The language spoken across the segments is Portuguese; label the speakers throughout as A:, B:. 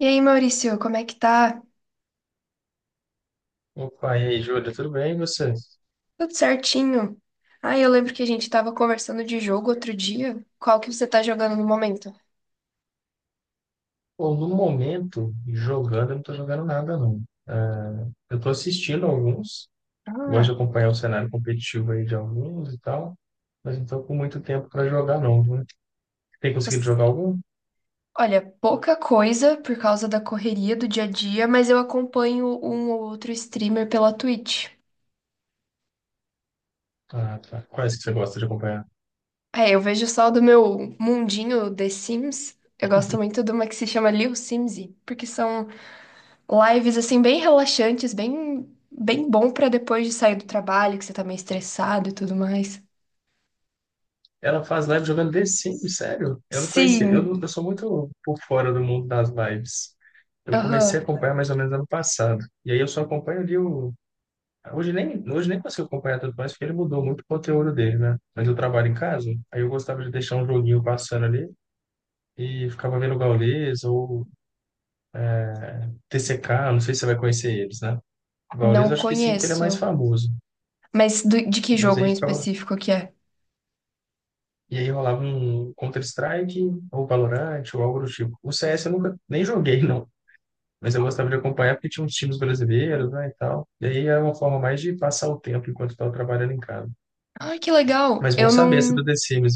A: E aí, Maurício, como é que tá?
B: Opa, e aí, Júlia, tudo bem? E você?
A: Tudo certinho? Ah, eu lembro que a gente tava conversando de jogo outro dia. Qual que você tá jogando no momento?
B: Pô, no momento, jogando, eu não tô jogando nada, não. É, eu tô assistindo alguns, gosto de
A: Ah,
B: acompanhar o cenário competitivo aí de alguns e tal, mas não tô com muito tempo para jogar, não, viu? Tem conseguido
A: você-
B: jogar algum?
A: olha, pouca coisa por causa da correria do dia a dia, mas eu acompanho um ou outro streamer pela Twitch.
B: Ah, tá. Quais que você gosta de acompanhar?
A: É, eu vejo só do meu mundinho The Sims. Eu gosto muito de uma que se chama Lil Simsy, porque são lives assim bem relaxantes, bem bom pra depois de sair do trabalho, que você tá meio estressado e tudo mais.
B: Ela faz live jogando The Sims, sério? Eu não conhecia. Eu, não-
A: Sim.
B: Eu sou muito por fora do mundo das lives. Eu comecei a
A: Aham.
B: acompanhar mais ou menos ano passado. E aí eu só acompanho ali o... hoje nem consigo acompanhar tudo, mais porque ele mudou muito o conteúdo dele, né? Mas eu trabalho em casa, aí eu gostava de deixar um joguinho passando ali e ficava vendo o Gaules ou TCK, não sei se você vai conhecer eles, né? O Gaules eu
A: Não
B: acho que sim, porque ele é mais
A: conheço.
B: famoso,
A: Mas de que
B: mas
A: jogo
B: aí
A: em
B: ficava...
A: específico que é?
B: E aí rolava um Counter-Strike ou Valorant ou algo do tipo. O CS eu nunca nem joguei, não. Mas eu gostava de acompanhar porque tinha uns times brasileiros, né, e tal. E aí é uma forma mais de passar o tempo enquanto estava trabalhando em casa.
A: Ai, que legal.
B: Mas bom
A: Eu
B: saber essa do
A: não.
B: The Sims.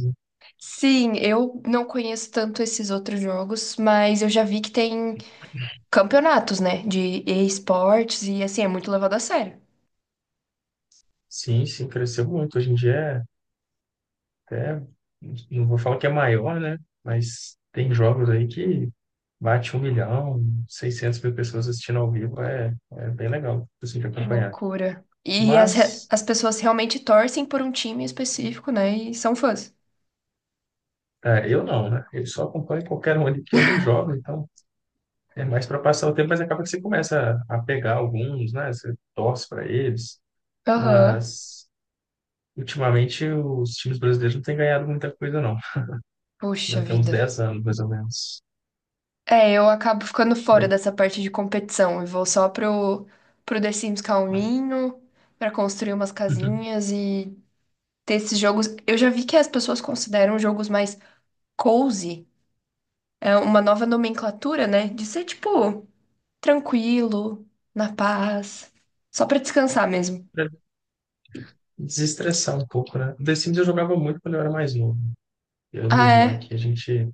A: Sim, eu não conheço tanto esses outros jogos, mas eu já vi que tem campeonatos, né? De esportes e assim, é muito levado a sério.
B: Sim, sim, cresceu muito. Hoje em dia é até, não vou falar que é maior, né? Mas tem jogos aí que bate 1 milhão, 600 mil pessoas assistindo ao vivo, é bem legal, assim, de
A: Que
B: acompanhar.
A: loucura. E
B: Mas
A: as pessoas realmente torcem por um time específico, né? E são fãs.
B: é, eu não, né? Eu só acompanho qualquer um ali, porque eu nem jogo, então é mais para passar o tempo, mas acaba que você começa a pegar alguns, né? Você torce para eles,
A: Aham.
B: mas ultimamente os times brasileiros não têm ganhado muita coisa, não.
A: Puxa
B: Já tem uns
A: vida.
B: 10 anos, mais ou menos.
A: É, eu acabo ficando fora
B: Bem.
A: dessa parte de competição e vou só pro The Sims calminho, pra construir umas casinhas e ter esses jogos. Eu já vi que as pessoas consideram jogos mais cozy, é uma nova nomenclatura, né? De ser tipo tranquilo, na paz, só pra descansar mesmo.
B: Desestressar um pouco, né? The Sims eu jogava muito quando eu era mais novo. Eu e minha
A: Ah,
B: irmã
A: é?
B: aqui, a gente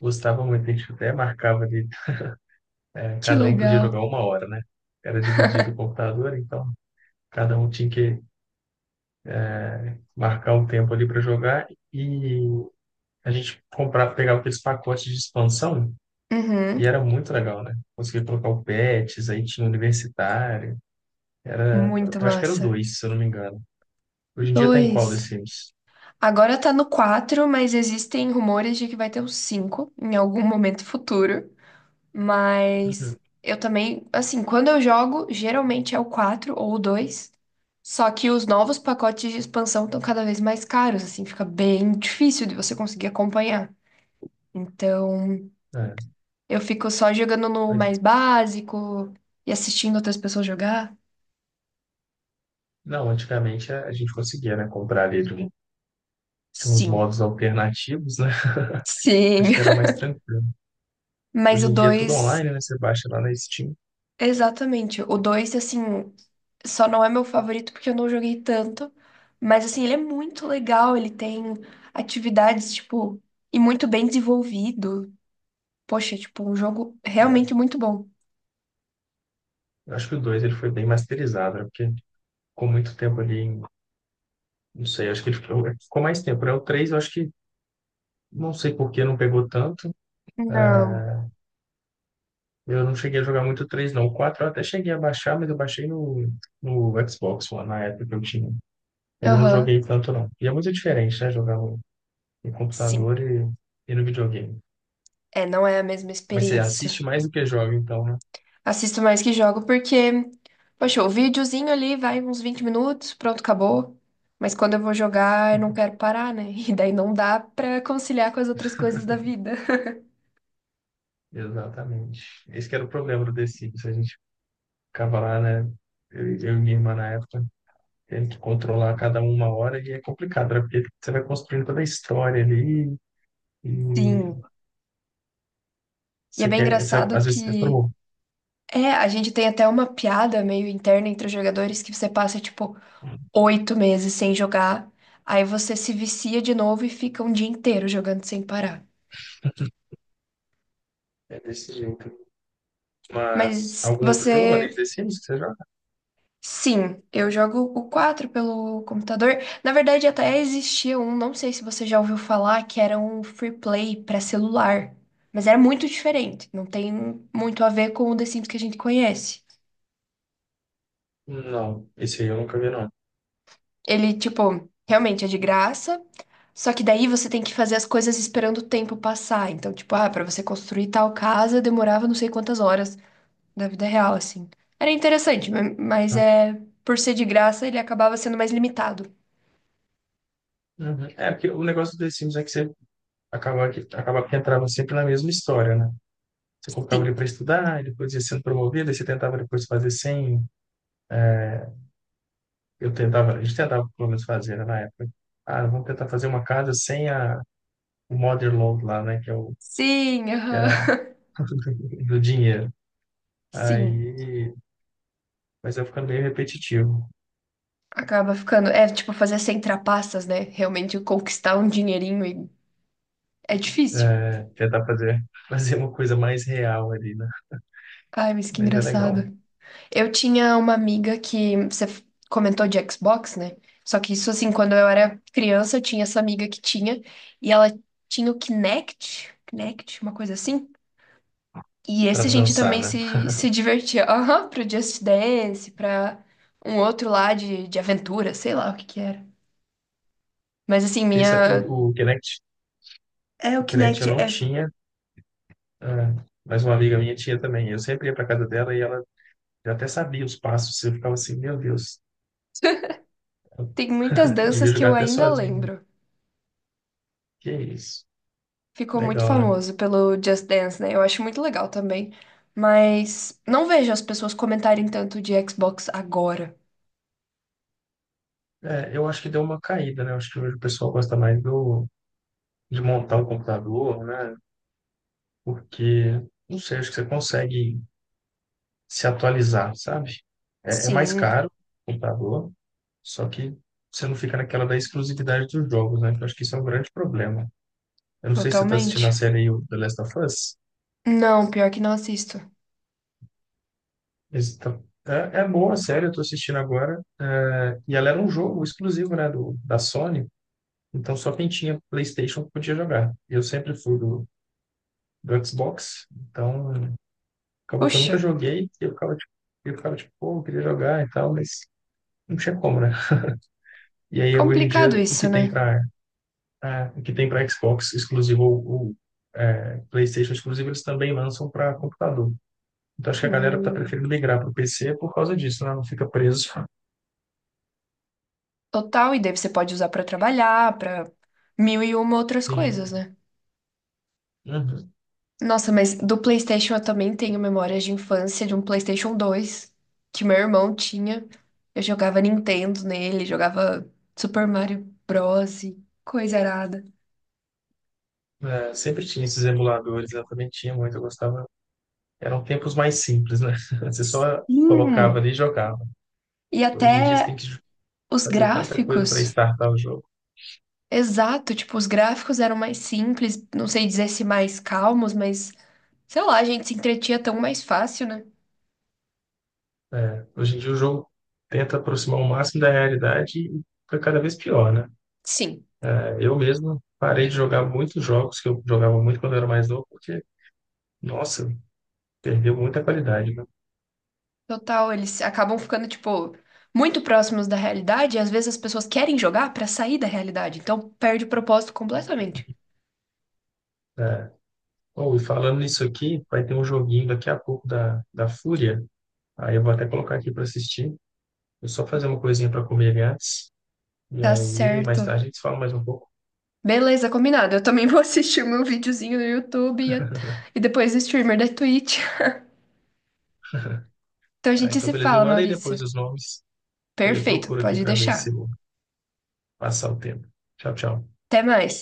B: gostava muito, a gente até marcava ali,
A: Que
B: cada um podia
A: legal.
B: jogar 1 hora, né? Era dividido o computador, então cada um tinha que marcar um tempo ali para jogar e a gente comprava, pegava aqueles pacotes de expansão
A: Uhum,
B: e era muito legal, né? Conseguia colocar o Pets, aí tinha o Universitário, era,
A: muito
B: eu acho que era o
A: massa.
B: 2, se eu não me engano. Hoje em dia tá em qual The
A: Dois.
B: Sims?
A: Agora tá no 4, mas existem rumores de que vai ter o 5 em algum momento futuro. Mas
B: Uhum.
A: eu também, assim, quando eu jogo, geralmente é o 4 ou o dois. Só que os novos pacotes de expansão estão cada vez mais caros, assim, fica bem difícil de você conseguir acompanhar. Então, eu fico só jogando no
B: É.
A: mais básico e assistindo outras pessoas jogar.
B: Não, antigamente a gente conseguia, né, comprar ali de um- de uns
A: Sim,
B: modos alternativos, né?
A: sim.
B: Acho que era mais tranquilo.
A: Mas
B: Hoje
A: o
B: em dia é tudo
A: dois.
B: online, né? Você baixa lá na Steam.
A: Exatamente. O 2 assim, só não é meu favorito porque eu não joguei tanto. Mas, assim, ele é muito legal. Ele tem atividades, tipo, e muito bem desenvolvido. Poxa, tipo, um jogo realmente muito bom.
B: Eu acho que o 2 ele foi bem masterizado, né? Porque ficou muito tempo ali, não sei, acho que ele ficou, ficou mais tempo, né? O 3, eu acho que, não sei por que não pegou tanto.
A: Não.
B: É, eu não cheguei a jogar muito o 3, não. O 4 eu até cheguei a baixar, mas eu baixei no Xbox One, na época que eu tinha. Mas eu não
A: Aham.
B: joguei tanto, não. E é muito diferente, né? Jogar no
A: Sim.
B: computador e no videogame.
A: É, não é a mesma
B: Mas você assiste
A: experiência.
B: mais do que joga, então, né?
A: Assisto mais que jogo porque, poxa, o videozinho ali vai uns 20 minutos, pronto, acabou. Mas quando eu vou jogar, eu não quero parar, né? E daí não dá pra conciliar com as outras coisas da vida.
B: Exatamente. Esse que era o problema do The Sims. A gente ficava lá, né? Eu e minha irmã na época, tendo que controlar cada um 1 hora, e é complicado, né? Porque você vai construindo toda a história ali, e
A: Sim. E é
B: você
A: bem
B: quer.
A: engraçado
B: Às vezes você
A: que
B: fala,
A: é, a gente tem até uma piada meio interna entre os jogadores que você passa, tipo, 8 meses sem jogar, aí você se vicia de novo e fica um dia inteiro jogando sem parar.
B: é desse jeito. Mas
A: Mas
B: algum outro jogo além de
A: você.
B: The Sims que você joga?
A: Sim, eu jogo o 4 pelo computador. Na verdade, até existia um, não sei se você já ouviu falar, que era um free play para celular. Mas era muito diferente, não tem muito a ver com o The Sims que a gente conhece.
B: Não, esse aí eu nunca vi, não.
A: Ele, tipo, realmente é de graça. Só que daí você tem que fazer as coisas esperando o tempo passar. Então, tipo, ah, pra você construir tal casa demorava não sei quantas horas da vida real, assim. Era interessante, mas
B: Tá?
A: é por ser de graça, ele acabava sendo mais limitado.
B: Uhum. É, porque o negócio do The Sims é que você acaba que entrava sempre na mesma história, né? Você colocava ele
A: Sim.
B: para estudar, ele depois ia sendo promovido, aí você tentava depois fazer sem... Eu tentava, a gente tentava pelo menos fazer né, na época. Ah, vamos tentar fazer uma casa sem o mother load lá, né?
A: Sim,
B: Que era
A: aham.
B: do dinheiro.
A: Sim.
B: Aí, mas vai ficando meio repetitivo.
A: Acaba ficando. É tipo fazer sem trapaças, né? Realmente conquistar um dinheirinho e é difícil.
B: É, tentar fazer, fazer uma coisa mais real ali, né?
A: Ai, mas que
B: Mas é legal
A: engraçado. Eu tinha uma amiga que comentou de Xbox, né? Só que isso, assim, quando eu era criança, eu tinha essa amiga que tinha, e ela tinha o Kinect, uma coisa assim. E
B: para
A: esse a gente
B: dançar,
A: também
B: né?
A: se divertia. Aham, pro Just Dance, pra um outro lá de aventura, sei lá o que que era. Mas assim,
B: Esse, é o,
A: minha.
B: o Kinect,
A: É, o
B: o Kinect eu
A: Kinect
B: não
A: é.
B: tinha, é, mas uma amiga minha tinha também. Eu sempre ia para casa dela e ela... Eu até sabia os passos, eu ficava assim, meu Deus, eu
A: Tem muitas
B: devia
A: danças que
B: jogar
A: eu
B: até
A: ainda
B: sozinho.
A: lembro.
B: Que isso.
A: Ficou muito
B: Legal, né?
A: famoso pelo Just Dance, né? Eu acho muito legal também. Mas não vejo as pessoas comentarem tanto de Xbox agora.
B: É, eu acho que deu uma caída, né? Eu acho que hoje o pessoal gosta mais de montar o computador, né? Porque, não sei, acho que você consegue se atualizar, sabe? É mais
A: Sim,
B: caro o computador, só que você não fica naquela da exclusividade dos jogos, né? Que eu acho que isso é um grande problema. Eu não sei se você está assistindo a
A: totalmente.
B: série aí, o The Last of Us.
A: Não, pior que não assisto.
B: Então, é boa, sério, eu tô assistindo agora. É, e ela era um jogo exclusivo, né, da Sony. Então só quem tinha PlayStation podia jogar. Eu sempre fui do Xbox, então acabou que eu
A: Puxa,
B: nunca joguei. E eu ficava, tipo, pô, eu queria jogar e tal, mas não tinha como, né? E aí hoje em
A: complicado
B: dia
A: isso, né?
B: o que tem para Xbox exclusivo é, PlayStation exclusivo, eles também lançam para computador. Então acho que a galera tá
A: Hum,
B: preferindo migrar para o PC por causa disso, né? Não fica preso.
A: total, e daí você pode usar pra trabalhar, pra mil e uma outras
B: Sim.
A: coisas, né?
B: Uhum.
A: Nossa, mas do PlayStation eu também tenho memórias de infância de um PlayStation 2 que meu irmão tinha. Eu jogava Nintendo nele, jogava Super Mario Bros. E Coisa arada.
B: É, sempre tinha esses emuladores, eu também tinha muito, eu gostava. Eram tempos mais simples, né? Você só colocava
A: Hum,
B: ali e jogava.
A: e
B: Hoje em dia você tem
A: até
B: que
A: os
B: fazer tanta coisa para
A: gráficos.
B: startar o jogo.
A: Exato, tipo, os gráficos eram mais simples, não sei dizer se mais calmos, mas sei lá, a gente se entretinha tão mais fácil, né?
B: Hoje em dia o jogo tenta aproximar o máximo da realidade e fica cada vez pior, né?
A: Sim,
B: É, eu mesmo parei de jogar muitos jogos que eu jogava muito quando eu era mais novo, porque, nossa, perdeu muita qualidade, né?
A: total, eles acabam ficando, tipo, muito próximos da realidade e às vezes as pessoas querem jogar pra sair da realidade, então perde o propósito completamente.
B: É. Oh, e falando nisso aqui, vai ter um joguinho daqui a pouco da Fúria. Aí eu vou até colocar aqui para assistir. Eu só fazer uma coisinha para comer ali antes. E
A: Tá
B: aí, mais
A: certo.
B: tarde, a gente fala mais um pouco.
A: Beleza, combinado. Eu também vou assistir o meu videozinho no YouTube e depois o streamer da Twitch. Então a
B: Ah,
A: gente
B: então,
A: se
B: beleza. Me
A: fala,
B: manda aí
A: Maurício.
B: depois os nomes. E aí eu
A: Perfeito,
B: procuro aqui
A: pode
B: para ver se eu
A: deixar.
B: vou passar o tempo. Tchau, tchau.
A: Até mais.